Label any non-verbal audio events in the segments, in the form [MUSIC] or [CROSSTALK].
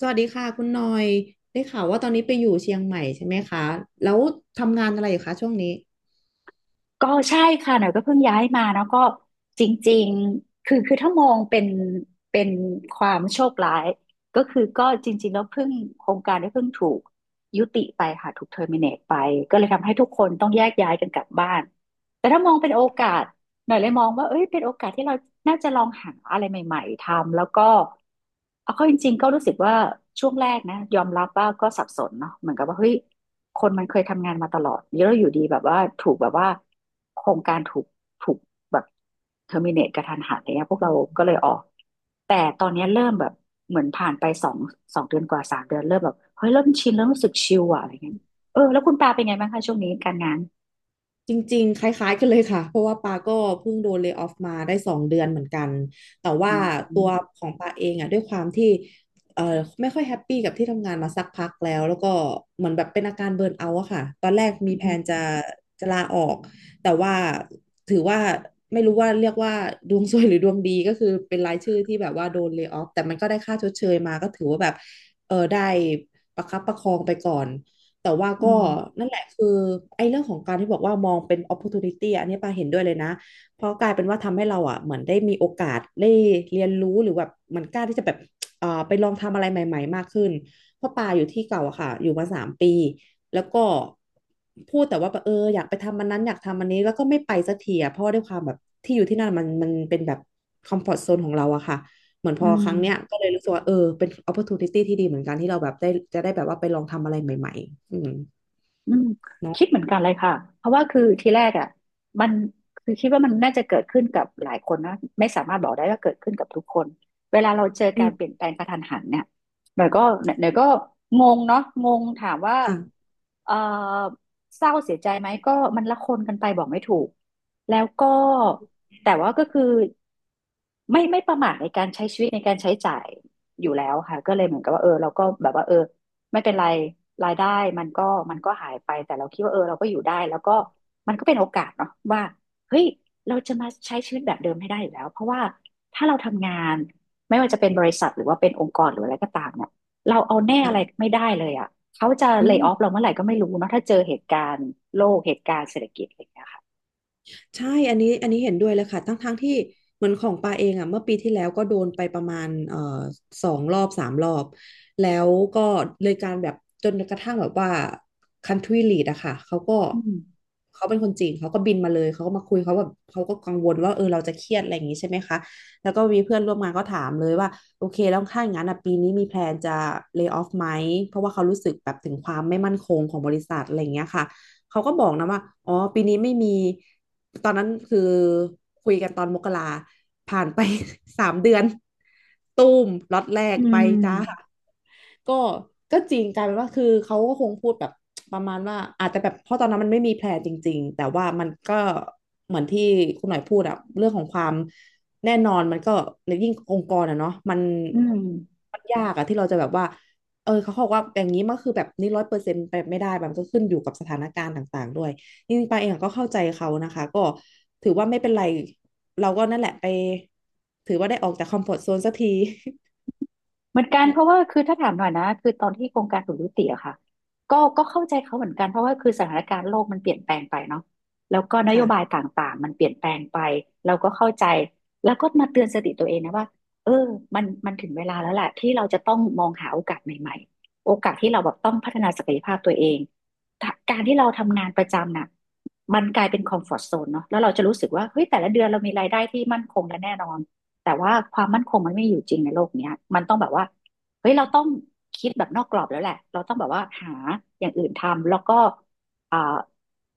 สวัสดีค่ะคุณหน่อยได้ข่าวว่าตอนนี้ไปอยู่เชียงใหม่ใช่ไหมคะแล้วทำงานอะไรอยู่คะช่วงนี้ ก็ใช่ค่ะหน่อยก็เพิ่งย้ายมาแล้วก็จริงๆคือถ้ามองเป็นเป็นความโชคร้ายก็คือก็จริงๆแล้วเพิ่งโครงการได้เพิ่งถูกยุติไปค่ะถูกเทอร์มิเนตไปก็เลยทำให้ทุกคนต้องแยกย้ายกันกลับบ้านแต่ถ้ามองเป็นโอกาส หน่อยเลยมองว่าเอ้ยเป็นโอกาสที่เราน่าจะลองหาอะไรใหม่ๆทำแล้วก็เอาเข้าจริงๆก็รู้สึกว่าช่วงแรกนะยอมรับว่าก็สับสนเนาะเหมือนกับว่าเฮ้ยคนมันเคยทำงานมาตลอดแล้วอยู่ดีแบบว่าถูกแบบว่าโครงการถูกแบบเทอร์มินเนตกระทันหันอะไรเงี้ยพวกเราก็เลยออกแต่ตอนเนี้ยเริ่มแบบเหมือนผ่านไปสองเดือนกว่าสามเดือนเริ่มแบบเฮ้ยเริ่มชินเริ่มรู้สึกชิลอะอะไรเงี้ยเออแล้วคุณปาเป็นไงบ้างคะช่วงนี้การงานจริงๆคล้ายๆกันเลยค่ะเพราะว่าปาก็เพิ่งโดนเล y o ออฟมาได้2 เดือนเหมือนกันแต่อืว่ามตัวของปาเองอ่ะด้วยความที่ไม่ค่อยแฮปปี้กับที่ทำงานมาสักพักแล้วแล้วก็เหมือนแบบเป็นอาการเบิร์นเอาท์อะค่ะตอนแรกมีแผอืนมจะลาออกแต่ว่าถือว่าไม่รู้ว่าเรียกว่าดวงซวยหรือดวงดีก็คือเป็นรายชื่อที่แบบว่าโดนเล y o ออฟแต่มันก็ได้ค่าชดเชยมาก็ถือว่าแบบเออได้ประคับประคองไปก่อน แต่ว่าอืก็มนั่นแหละคือไอ้เรื่องของการที่บอกว่ามองเป็น opportunity อะอันนี้ปาเห็นด้วยเลยนะเพราะกลายเป็นว่าทำให้เราอ่ะเหมือนได้มีโอกาสได้เรียนรู้หรือแบบเหมันกล้าที่จะแบบไปลองทำอะไรใหม่ๆมากขึ้นเพราะปาอยู่ที่เก่าอะค่ะอยู่มา3 ปีแล้วก็พูดแต่ว่าแบบเอออยากไปทำอันนั้นอยากทำอันนี้แล้วก็ไม่ไปสักทีอะเพราะว่าด้วยความแบบที่อยู่ที่นั่นมันเป็นแบบคอมฟอร์ z โซนของเราอะค่ะ เหมือนพอือครั้งเนี้ยม ก็เลยรู้สึกว่าเออเป็น opportunity ที่ดีเหมือนกันที่เราแบบได้จะได้แบบว่าไปลองทำอะไรใหม่ๆอืมอืมเนาะคิดเหมือนกันเลยค่ะเพราะว่าคือทีแรกอ่ะมันคือคิดว่ามันน่าจะเกิดขึ้นกับหลายคนนะไม่สามารถบอกได้ว่าเกิดขึ้นกับทุกคนเวลาเราเจออืการเปลี่ยนมแปลงกระทันหันเนี่ยหน่อยก็งงเนาะงงถามว่าค่ะเออเศร้าเสียใจไหมก็มันละคนกันไปบอกไม่ถูกแล้วก็แต่ว่าก็คือไม่ประมาทในการใช้ชีวิตในการใช้จ่ายอยู่แล้วค่ะก็เลยเหมือนกับว่าเออเราก็แบบว่าเออ ไม่เป็นไรรายได้มันก็มันก็หายไปแต่เราคิดว่าเออเราก็อยู่ได้แล้วก็มันก็เป็นโอกาสเนาะว่าเฮ้ยเราจะมาใช้ชีวิตแบบเดิมให้ได้อยู่แล้วเพราะว่าถ้าเราทำงานไม่ว่าจะเป็นบริษัทหรือว่าเป็นองค์กรหรืออะไรก็ตามเนี่ยเราเอาแน่อะไรค่ะไม่ได้เลยอ่ะเขาจะอืเล y ม o ออฟเราเมื่อไหร่ก็ไม่รู้เนาะถ้าเจอเหตุการณ์โลกเหตุการณ์เศรษฐกิจอะไรอย่างเงี้ยค่ะใช่อันนี้เห็นด้วยเลยค่ะทั้งที่เหมือนของปาเองอ่ะเมื่อปีที่แล้วก็โดนไปประมาณ2 รอบ 3 รอบ แล้วก็เลยการแบบจนกระทั่งแบบว่า country lead อะค่ะเขาก็อืมเขาเป็นคนจีนเขาก็บินมาเลยเขาก็มาคุยเขาแบบเขาก็กังวลว่าเออเราจะเครียดอะไรอย่างนี้ใช่ไหมคะแล้วก็มีเพื่อนร่วมงานก็ถามเลยว่าโอเคแล้วถ้าอย่างนั้นอ่ะปีนี้มีแพลนจะ lay off ไหมเพราะว่าเขารู้สึกแบบถึงความไม่มั่นคงของบริษัทอะไรอย่างเงี้ยค่ะเขาก็บอกนะว่าอ๋อปีนี้ไม่มี ตอนนั้นคือคุยกันตอนมกราผ่านไป [LAUGHS] 3 เดือนตูมล็อตแรกอืไปมจ้า ก็ก็จริงกลายเป็นว่าคือเขาก็คงพูดแบบประมาณว่าอาจจะแบบเพราะตอนนั้นมันไม่มีแผลจริงๆแต่ว่ามันก็เหมือนที่คุณหน่อยพูดอะเรื่องของความแน่นอนมันก็แลยิ่งองค์กรอะเนาะอืม มันยากอะที่เราจะแบบว่าเออเขาบอกว่าอย่างนี้มันคือแบบนี้ร้อยเปอร์เซ็นต์ไปไม่ได้มันก็ขึ้นอยู่กับสถานการณ์ต่างๆด้วยจริงๆปาเองก็เข้าใจเขานะคะก็ถือว่าไม่เป็นไรเราก็นั่นแหละไปถือว่าได้ออกจากคอมฟอร์ตโซนสักที เหมือนกันเพราะว่าคือถ้าถามหน่อยนะคือตอนที่โครงการถูกยุติอะค่ะก็เข้าใจเขาเหมือนกันเพราะว่าคือสถานการณ์โลกมันเปลี่ยนแปลงไปเนาะแล้วก็น [LAUGHS] โยค่ะบายต่างๆมันเปลี่ยนแปลงไปเราก็เข้าใจแล้วก็มาเตือนสติตัวเองนะว่าเออมันถึงเวลาแล้วแหละที่เราจะต้องมองหาโอกาสใหม่ๆโอกาสที่เราแบบต้องพัฒนาศักยภาพตัวเองถ้าการที่เราทำงานประจำน่ะมันกลายเป็นคอมฟอร์ z โซนเนาะแล้วเราจะรู้สึกว่าเฮ้ยแต่ละเดือนเรามีรายได้ที่มั่นคงและแน่นอน แต่ว่าความมั่นคงมันไม่อยู่จริงในโลกเนี้ยมันต้องแบบว่าเฮ้ยเราต้องคิดแบบนอกกรอบแล้วแหละเราต้องแบบว่าหาอย่างอื่นทำแล้วก็อ่า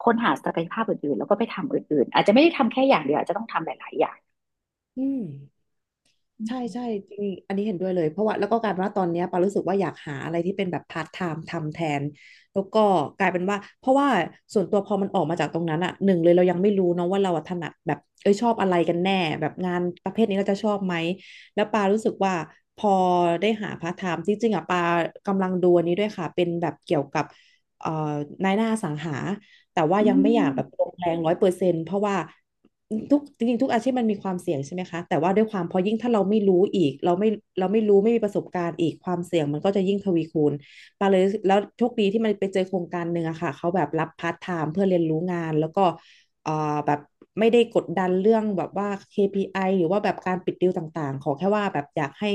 ค้นหาศักยภาพอื่นๆแล้วก็ไปทำอื่นๆอาจจะไม่ได้ทำแค่อย่างเดียวอาจจะต้องทำหลายๆอย่างอืม ใช่ใช่จริงอันนี้เห็นด้วยเลยเพราะว่าแล้วก็กลายเป็นว่าตอนเนี้ยปารู้สึกว่าอยากหาอะไรที่เป็นแบบพาร์ทไทม์ทำแทนแล้วก็กลายเป็นว่าเพราะว่าส่วนตัวพอมันออกมาจากตรงนั้นอ่ะหนึ่งเลยเรายังไม่รู้เนาะว่าเราอะถนัดแบบเอ้ยชอบอะไรกันแน่แบบงานประเภทนี้เราจะชอบไหมแล้วปารู้สึกว่าพอได้หาพาร์ทไทม์จริงๆอ่ะปากำลังดูอันนี้ด้วยค่ะเป็นแบบเกี่ยวกับเอ่อนายหน้าอสังหา แต่ว่าอืยังไม่อยากแบบม ลงแรงร้อยเปอร์เซ็นต์เพราะว่าจริงๆทุกอาชีพมันมีความเสี่ยงใช่ไหมคะแต่ว่าด้วยความพอยิ่งถ้าเราไม่รู้อีกเราไม่รู้ไม่มีประสบการณ์อีกความเสี่ยงมันก็จะยิ่งทวีคูณปาเลยแล้วโชคดีที่มันไปเจอโครงการหนึ่งอะค่ะเขาแบบรับพาร์ทไทม์เพื่อเรียนรู้งานแล้วก็เอ่อแบบไม่ได้กดดันเรื่องแบบว่า KPI หรือว่าแบบการปิดดีลต่างๆขอแค่ว่าแบบอยากให้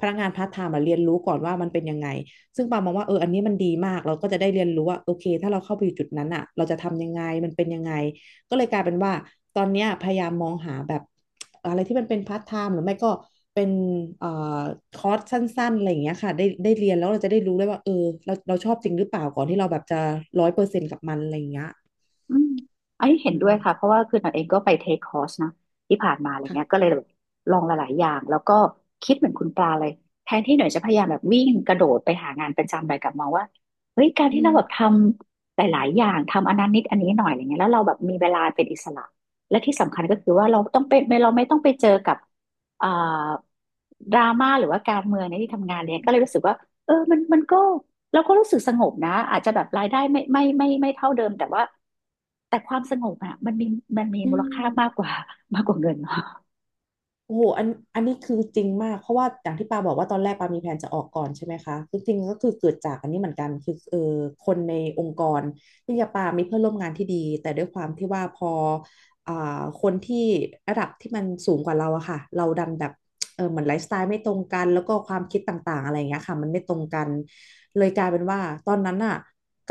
พนักงานพาร์ทไทม์มาเรียนรู้ก่อนว่ามันเป็นยังไง ซึ่งปามองว่าอันนี้มันดีมากเราก็จะได้เรียนรู้ว่าโอเคถ้าเราเข้าไปอยู่จุดนั้นอ่ะเราจะทำยังไงมันเป็นยังไงก็เลยกลายเป็นว่าตอนเนี้ยพยายามมองหาแบบอะไรที่มันเป็นพาร์ทไทม์หรือไม่ก็เป็นเอ่อคอร์สสั้นๆอะไรอย่างเงี้ยค่ะได้เรียนแล้วเราจะได้รู้ได้วยว่าเราชอบจริงหรือเปล่าก่อนที่เราแบบจะร้อยเปอร์เซ็นต์กับมันอะไรอย่างเงี้ยอืมอันนี้เห็อืนด้วมยค่ะเพราะว่าคือหนันเองก็ไปเทคคอร์สนะที่ผ่านมาอะไรเงี้ยค่ะก็เลยแบบลองหลายๆอย่างแล้วก็คิดเหมือนคุณปลาเลยแทนที่หน่อยจะพยายามแบบวิ่งกระโดดไปหางานประจำอะไรกลับมองว่าเฮ้ยการอืที่เราแบบทมำหลายๆอย่างทำอันนั้นนิดอันนี้หน่อยอะไรเงี้ยแล้วเราแบบมีเวลาเป็นอิสระและที่สำคัญก็คือว่าเราต้องเป็นเราไม่ต้องไปเจอกับอ่าดราม่าหรือว่าการเมืองในที่ทำงานเลยก็เลยรู้สึกว่าเออมันก็ เราก็รู้สึกสงบนะอาจจะแบบรายได้ไม่เท่าเดิมแต่ว่าแต่ความสงบอ่ะมันมีอืมูลค่ามากม กว่ามากกว่าเงินโอ้โหอันนี้คือจริงมากเพราะว่าอย่างที่ปาบอกว่าตอนแรกปามีแผนจะออกก่อนใช่ไหมคะคือจริงๆก็คือเกิดจากอันนี้เหมือนกันคือคนในองค์กรที่ยาปามีเพื่อนร่วมงานที่ดีแต่ด้วยความที่ว่าพออ่คนที่ระดับที่มันสูงกว่าเราอะค่ะเราดันแบบเหมือนไลฟ์สไตล์ไม่ตรงกันแล้วก็ความคิดต่างๆอะไรอย่างเงี้ยค่ะมันไม่ตรงกันเลยกลายเป็นว่าตอนนั้นอะ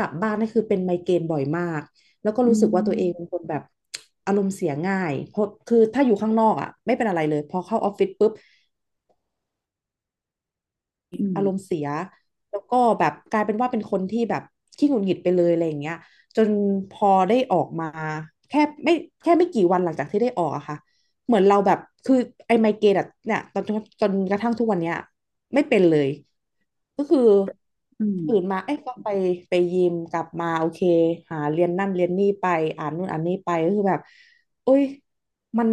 กลับบ้านนี่คือเป็นไมเกรนบ่อยมาก แล้วก็อืรู้สึกว่าตัวเองเป็นมคนแบบอารมณ์เสียง่าย เพราะคือถ้าอยู่ข้างนอกอ่ะไม่เป็นอะไรเลยพอเข้าออฟฟิศปุ๊บ อืมแล้วก็แบบกลายเป็นว่าเป็นคนที่แบบขี้หงุดหงิดไปเลยอะไรอย่างเงี้ยจนพอได้ออกมาแค่ไม่แค่ไม่กี่วันหลังจากที่ได้ออกอะค่ะเหมือนเราแบบคือไอ้ไมเกรนอะเนี่ยตอนจนกระทั่งทุกวันเนี้ยไม่เป็นเลยก็คืออืมตื่นมาเอ้ยก็ไปยิมกลับมาโอเคหาเรียนนั่นเรียนนี่ไปอ่านนู่นอ่านนี่ไปก็คือแบบโอ้ยมัน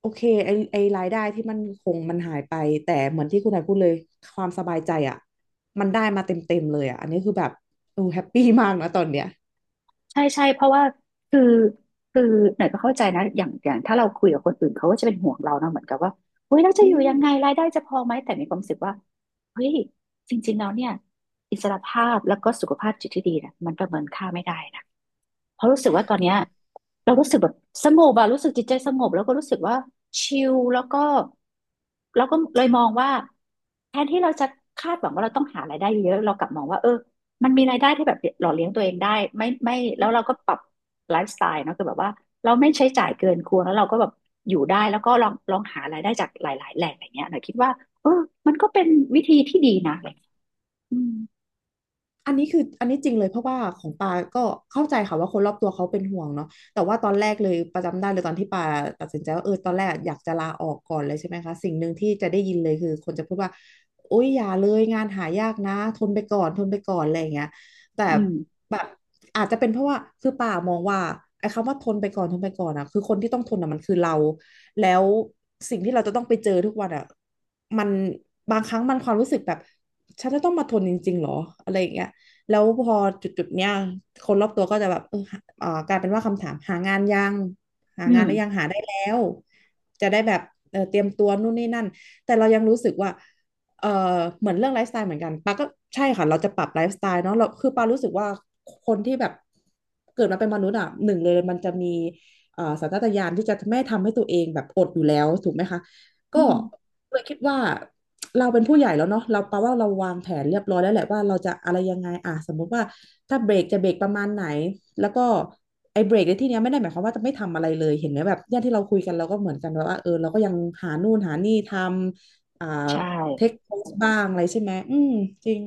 โอเคไอรายได้ที่มันคงมันหายไปแต่เหมือนที่คุณนายพูดเลยความสบายใจอะ มันได้มาเต็มๆเลยอ่ะ อันนี้คือแบบโอ้แฮปปี้มากนะตอนเนี้ยใช่ใช่เพราะว่าคือคือหน่อยก็เข้าใจนะอย่างถ้าเราคุยกับคนอื่นเขาก็จะเป็นห่วงเรานะเหมือนกับว่าเฮ้ยเราจะอือยู่ม ยังไงรายได้จะพอไหมแต่มีความรู้สึกว่าเฮ้ยจริงๆแล้วเนี่ยอิสรภาพแล้วก็สุขภาพจิตที่ดีนะมันประเมินค่าไม่ได้นะ เพราะรู้สึกว่าตอนเนี้ยเรารู้สึกแบบสงบอะรู้สึกจิตใจสงบแล้วก็รู้สึกว่าชิลแล้วก็เราก็เลยมองว่าแทนที่เราจะคาดหวังว่าเราต้องหารายได้เยอะเรากลับมองว่าเออมันมีรายได้ที่แบบหล่อเลี้ยงตัวเองได้ไม่แล้วเราก็ปรับไลฟ์สไตล์เนาะคือแบบว่าเราไม่ใช้จ่ายเกินควรแล้วเราก็แบบอยู่ได้แล้วก็ลองหารายได้จากหลายๆแหล่งอย่างเงี้ยหน่อยคิดว่าเออมันก็เป็นวิธีที่ดีนะอะไรอย่างเงี้ยอืมอันนี้จริงเลยเพราะว่าของปาก็เข้าใจค่ะว่าคนรอบตัวเขาเป็นห่วงเนาะแต่ว่าตอนแรกเลยประจำได้เลยตอนที่ปาตัดสินใจว่าตอนแรกอยากจะลาออกก่อนเลยใช่ไหมคะสิ่งหนึ่งที่จะได้ยินเลยคือคนจะพูดว่าโอ๊ยอย่าเลยงานหายากนะทนไปก่อนทนไปก่อนอะไรอย่างเงี้ยแต่อืมแบบอาจจะเป็นเพราะว่าคือปามองว่าไอ้คำว่าทนไปก่อนทนไปก่อนอะคือคนที่ต้องทนอะมันคือเราแล้วสิ่งที่เราจะต้องไปเจอทุกวันอะมันบางครั้งมันความรู้สึกแบบฉันจะต้องมาทนจริงๆหรออะไรอย่างเงี้ย แล้วพอจุดๆเนี้ยคนรอบตัวก็จะแบบกลายเป็นว่าคำถามหางานยังหาอืงานหรือยังมหาได้แล้วจะได้แบบเตรียมตัวนู่นนี่นั่นแต่เรายังรู้สึกว่าเออเหมือนเรื่องไลฟ์สไตล์เหมือนกันปาก็ใช่ค่ะเราจะปรับไลฟ์สไตล์เนาะเราคือปารู้สึกว่าคนที่แบบเกิดมาเป็นมนุษย์อ่ะหนึ่งเลยมันจะมีสัญชาตญาณที่จะไม่ทำให้ตัวเองแบบอดอยู่แล้วถูกไหมคะอืก็มเลยคิดว่า เราเป็นผู้ใหญ่แล้วเนาะเราแปลว่าเราวางแผนเรียบร้อยแล้วแหละว่าเราจะอะไรยังไงอ่ะสมมุติว่าถ้าเบรกจะเบรกประมาณไหนแล้วก็ไอ้เบรกในที่เนี้ยไม่ได้หมายความว่าจะไม่ทำอะไรเลยเห็นไหมแบบเนี่ยที่เราคุยกันเราก็เหมือนกันแบบว่าเราก็ยังหานู่นหานี่ทำอ่าใช่ เทคโพสบ้างอะไรใช่ไหมอืมจริง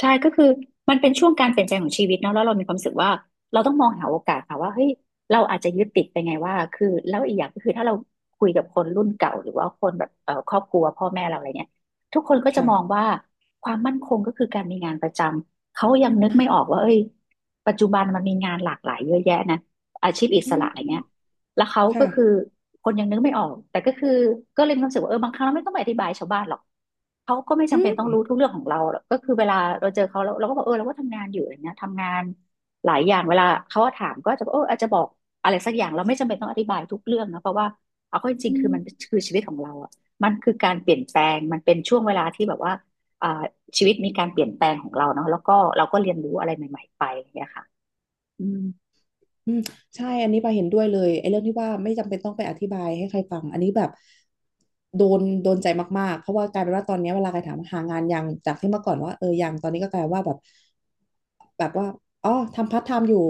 ใช่ก็คือมันเป็นช่วงการเปลี่ยนแปลงของชีวิตเนาะแล้วเรามีความรู้สึกว่าเราต้องมองหาโอกาสค่ะว่าเฮ้ยเราอาจจะยึดติดไปไงว่าคือแล้วอีกอย่างก็คือถ้าเราคุยกับคนรุ่นเก่าหรือว่าคนแบบครอบครัวพ่อแม่เราอะไรเนี่ยทุกคนก็จะมองค่ะว่าความมั่นคงก็คือการมีงานประจำเขายังนึกอ่ะไม่ออกว่าเอ้ยปัจจุบันมันมีงานหลากหลายเยอะแยะนะอาชีพอิอืสระอะไรเงี้ย มแล้วเขาก็คือค่ะคนยังนึกไม่ออกแต่ก็คือก็เลยมีความรู้สึกว่าเออบางครั้งเราไม่ต้องไปอธิบายชาวบ้านหรอกเขาก็ไม่อืจำเป็นต้องมรู้ทุกเรื่องของเราหรอกก็คือเวลาเราเจอเขาเราก็บอกเออเราก็ทำงานอยู่อะไรเงี้ยทำงานหลายอย่างเวลาเขาถามก็จะบอกเอออาจจะบอกอะไรสักอย่างเราไม่จำเป็นต้องอธิบายทุกเรื่องนะเพราะว่าเอาเข้าจริงอืๆคือมันม คือชีวิตของเราอ่ะมันคือการเปลี่ยนแปลงมันเป็นช่วงเวลาที่แบบว่าอ่าชีวิตมีการเปลี่ยนแปลงของเราเนาะแล้วก็เราก็เรียนรู้อะไรใหม่ๆไปอย่างเงี้ยค่ะอืมอืมใช่อันนี้ปาเห็นด้วยเลยไอ้เรื่องที่ว่าไม่จำเป็นต้องไปอธิบายให้ใครฟังอันนี้แบบโดนใจมากๆเพราะว่ากลายเป็นว่าตอนเนี้ยเวลาใครถามหางานยังจากที่เมื่อก่อนว่ายังตอนนี้ก็กลายว่าแบบแบบว่าอ๋อทำพาร์ทไทม์อยู่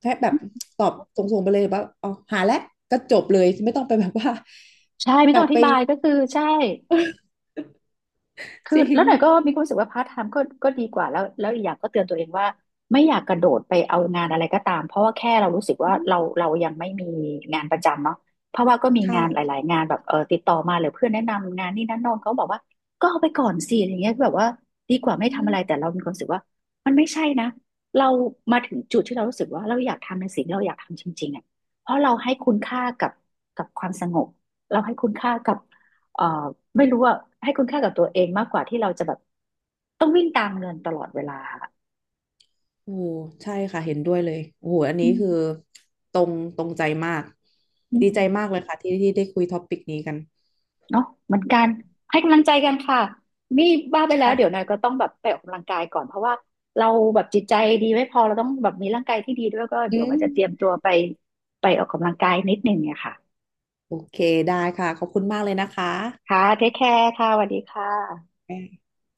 แค่แบบตอบส่งๆไปเลยว่าอ๋อหาแล้วก็จบเลยไม่ต้องไปแบบว่าใช่ไม่แบต้องบอไป ธิบายก็คือใช่ [LAUGHS] คือจริงแล้วหน่อยก็มีความรู้สึกว่าพาร์ทไทม์ก็ดีกว่าแล้วอีกอย่างก็เตือนตัวเองว่าไม่อยากกระโดดไปเอางานอะไรก็ตามเพราะว่าแค่เรารู้สึกว่าอืเรามเรายังไม่มีงานประจำเนาะเพราะว่าก็มีงานหค่ะลายๆงานแบบเออติดต่อมาหรือเพื่อนแนะนำงานนี่นั่นโน่นเขาบอกว่าก็เอาไปก่อนสิอย่างเงี้ยแบบว่าดีกว่าไม่อืทำอะม ไรแต่เรามีความรู้สึกว่ามันไม่ใช่นะเรามาถึงจุดที่เรารู้สึกว่าเราอยากทำในสิ่งที่เราอยากทำจริงๆอ่ะเพราะเราให้คุณค่ากับกับความสงบเราให้คุณค่ากับ เอ่อไม่รู้ว่าให้คุณค่ากับตัวเองมากกว่าที่เราจะแบบต้องวิ่งตามเงินตลอดเวลาค่ะโอ้ใช่ค่ะเห็นด้วยเลยโอ้โหอันอืนี้คือมตรงตรงใจมากอืดีมใจมากเลยค่ะที่ที่ได้คุยท็อปิกนี้กันเนาะเหมือนกันให้กำลังใจกันค่ะนี่บ้าไปแล้วเดี๋ยวนาค่ะยก็ต้องแบบไปออกกำลังกายก่อนเพราะว่าเราแบบจิตใจดีไม่พอเราต้องแบบมีร่างกายที่ดีด้วยก็อืเดี๋ยวมว่าจะเตรียมตัวไปไปออกกำลังกายนิดนึงเนี่ยค่ะโอเคได้ค่ะขอบคุณมากเลยนะคะค่ะเทคแคร์ค่ะสวัสดีค่ะ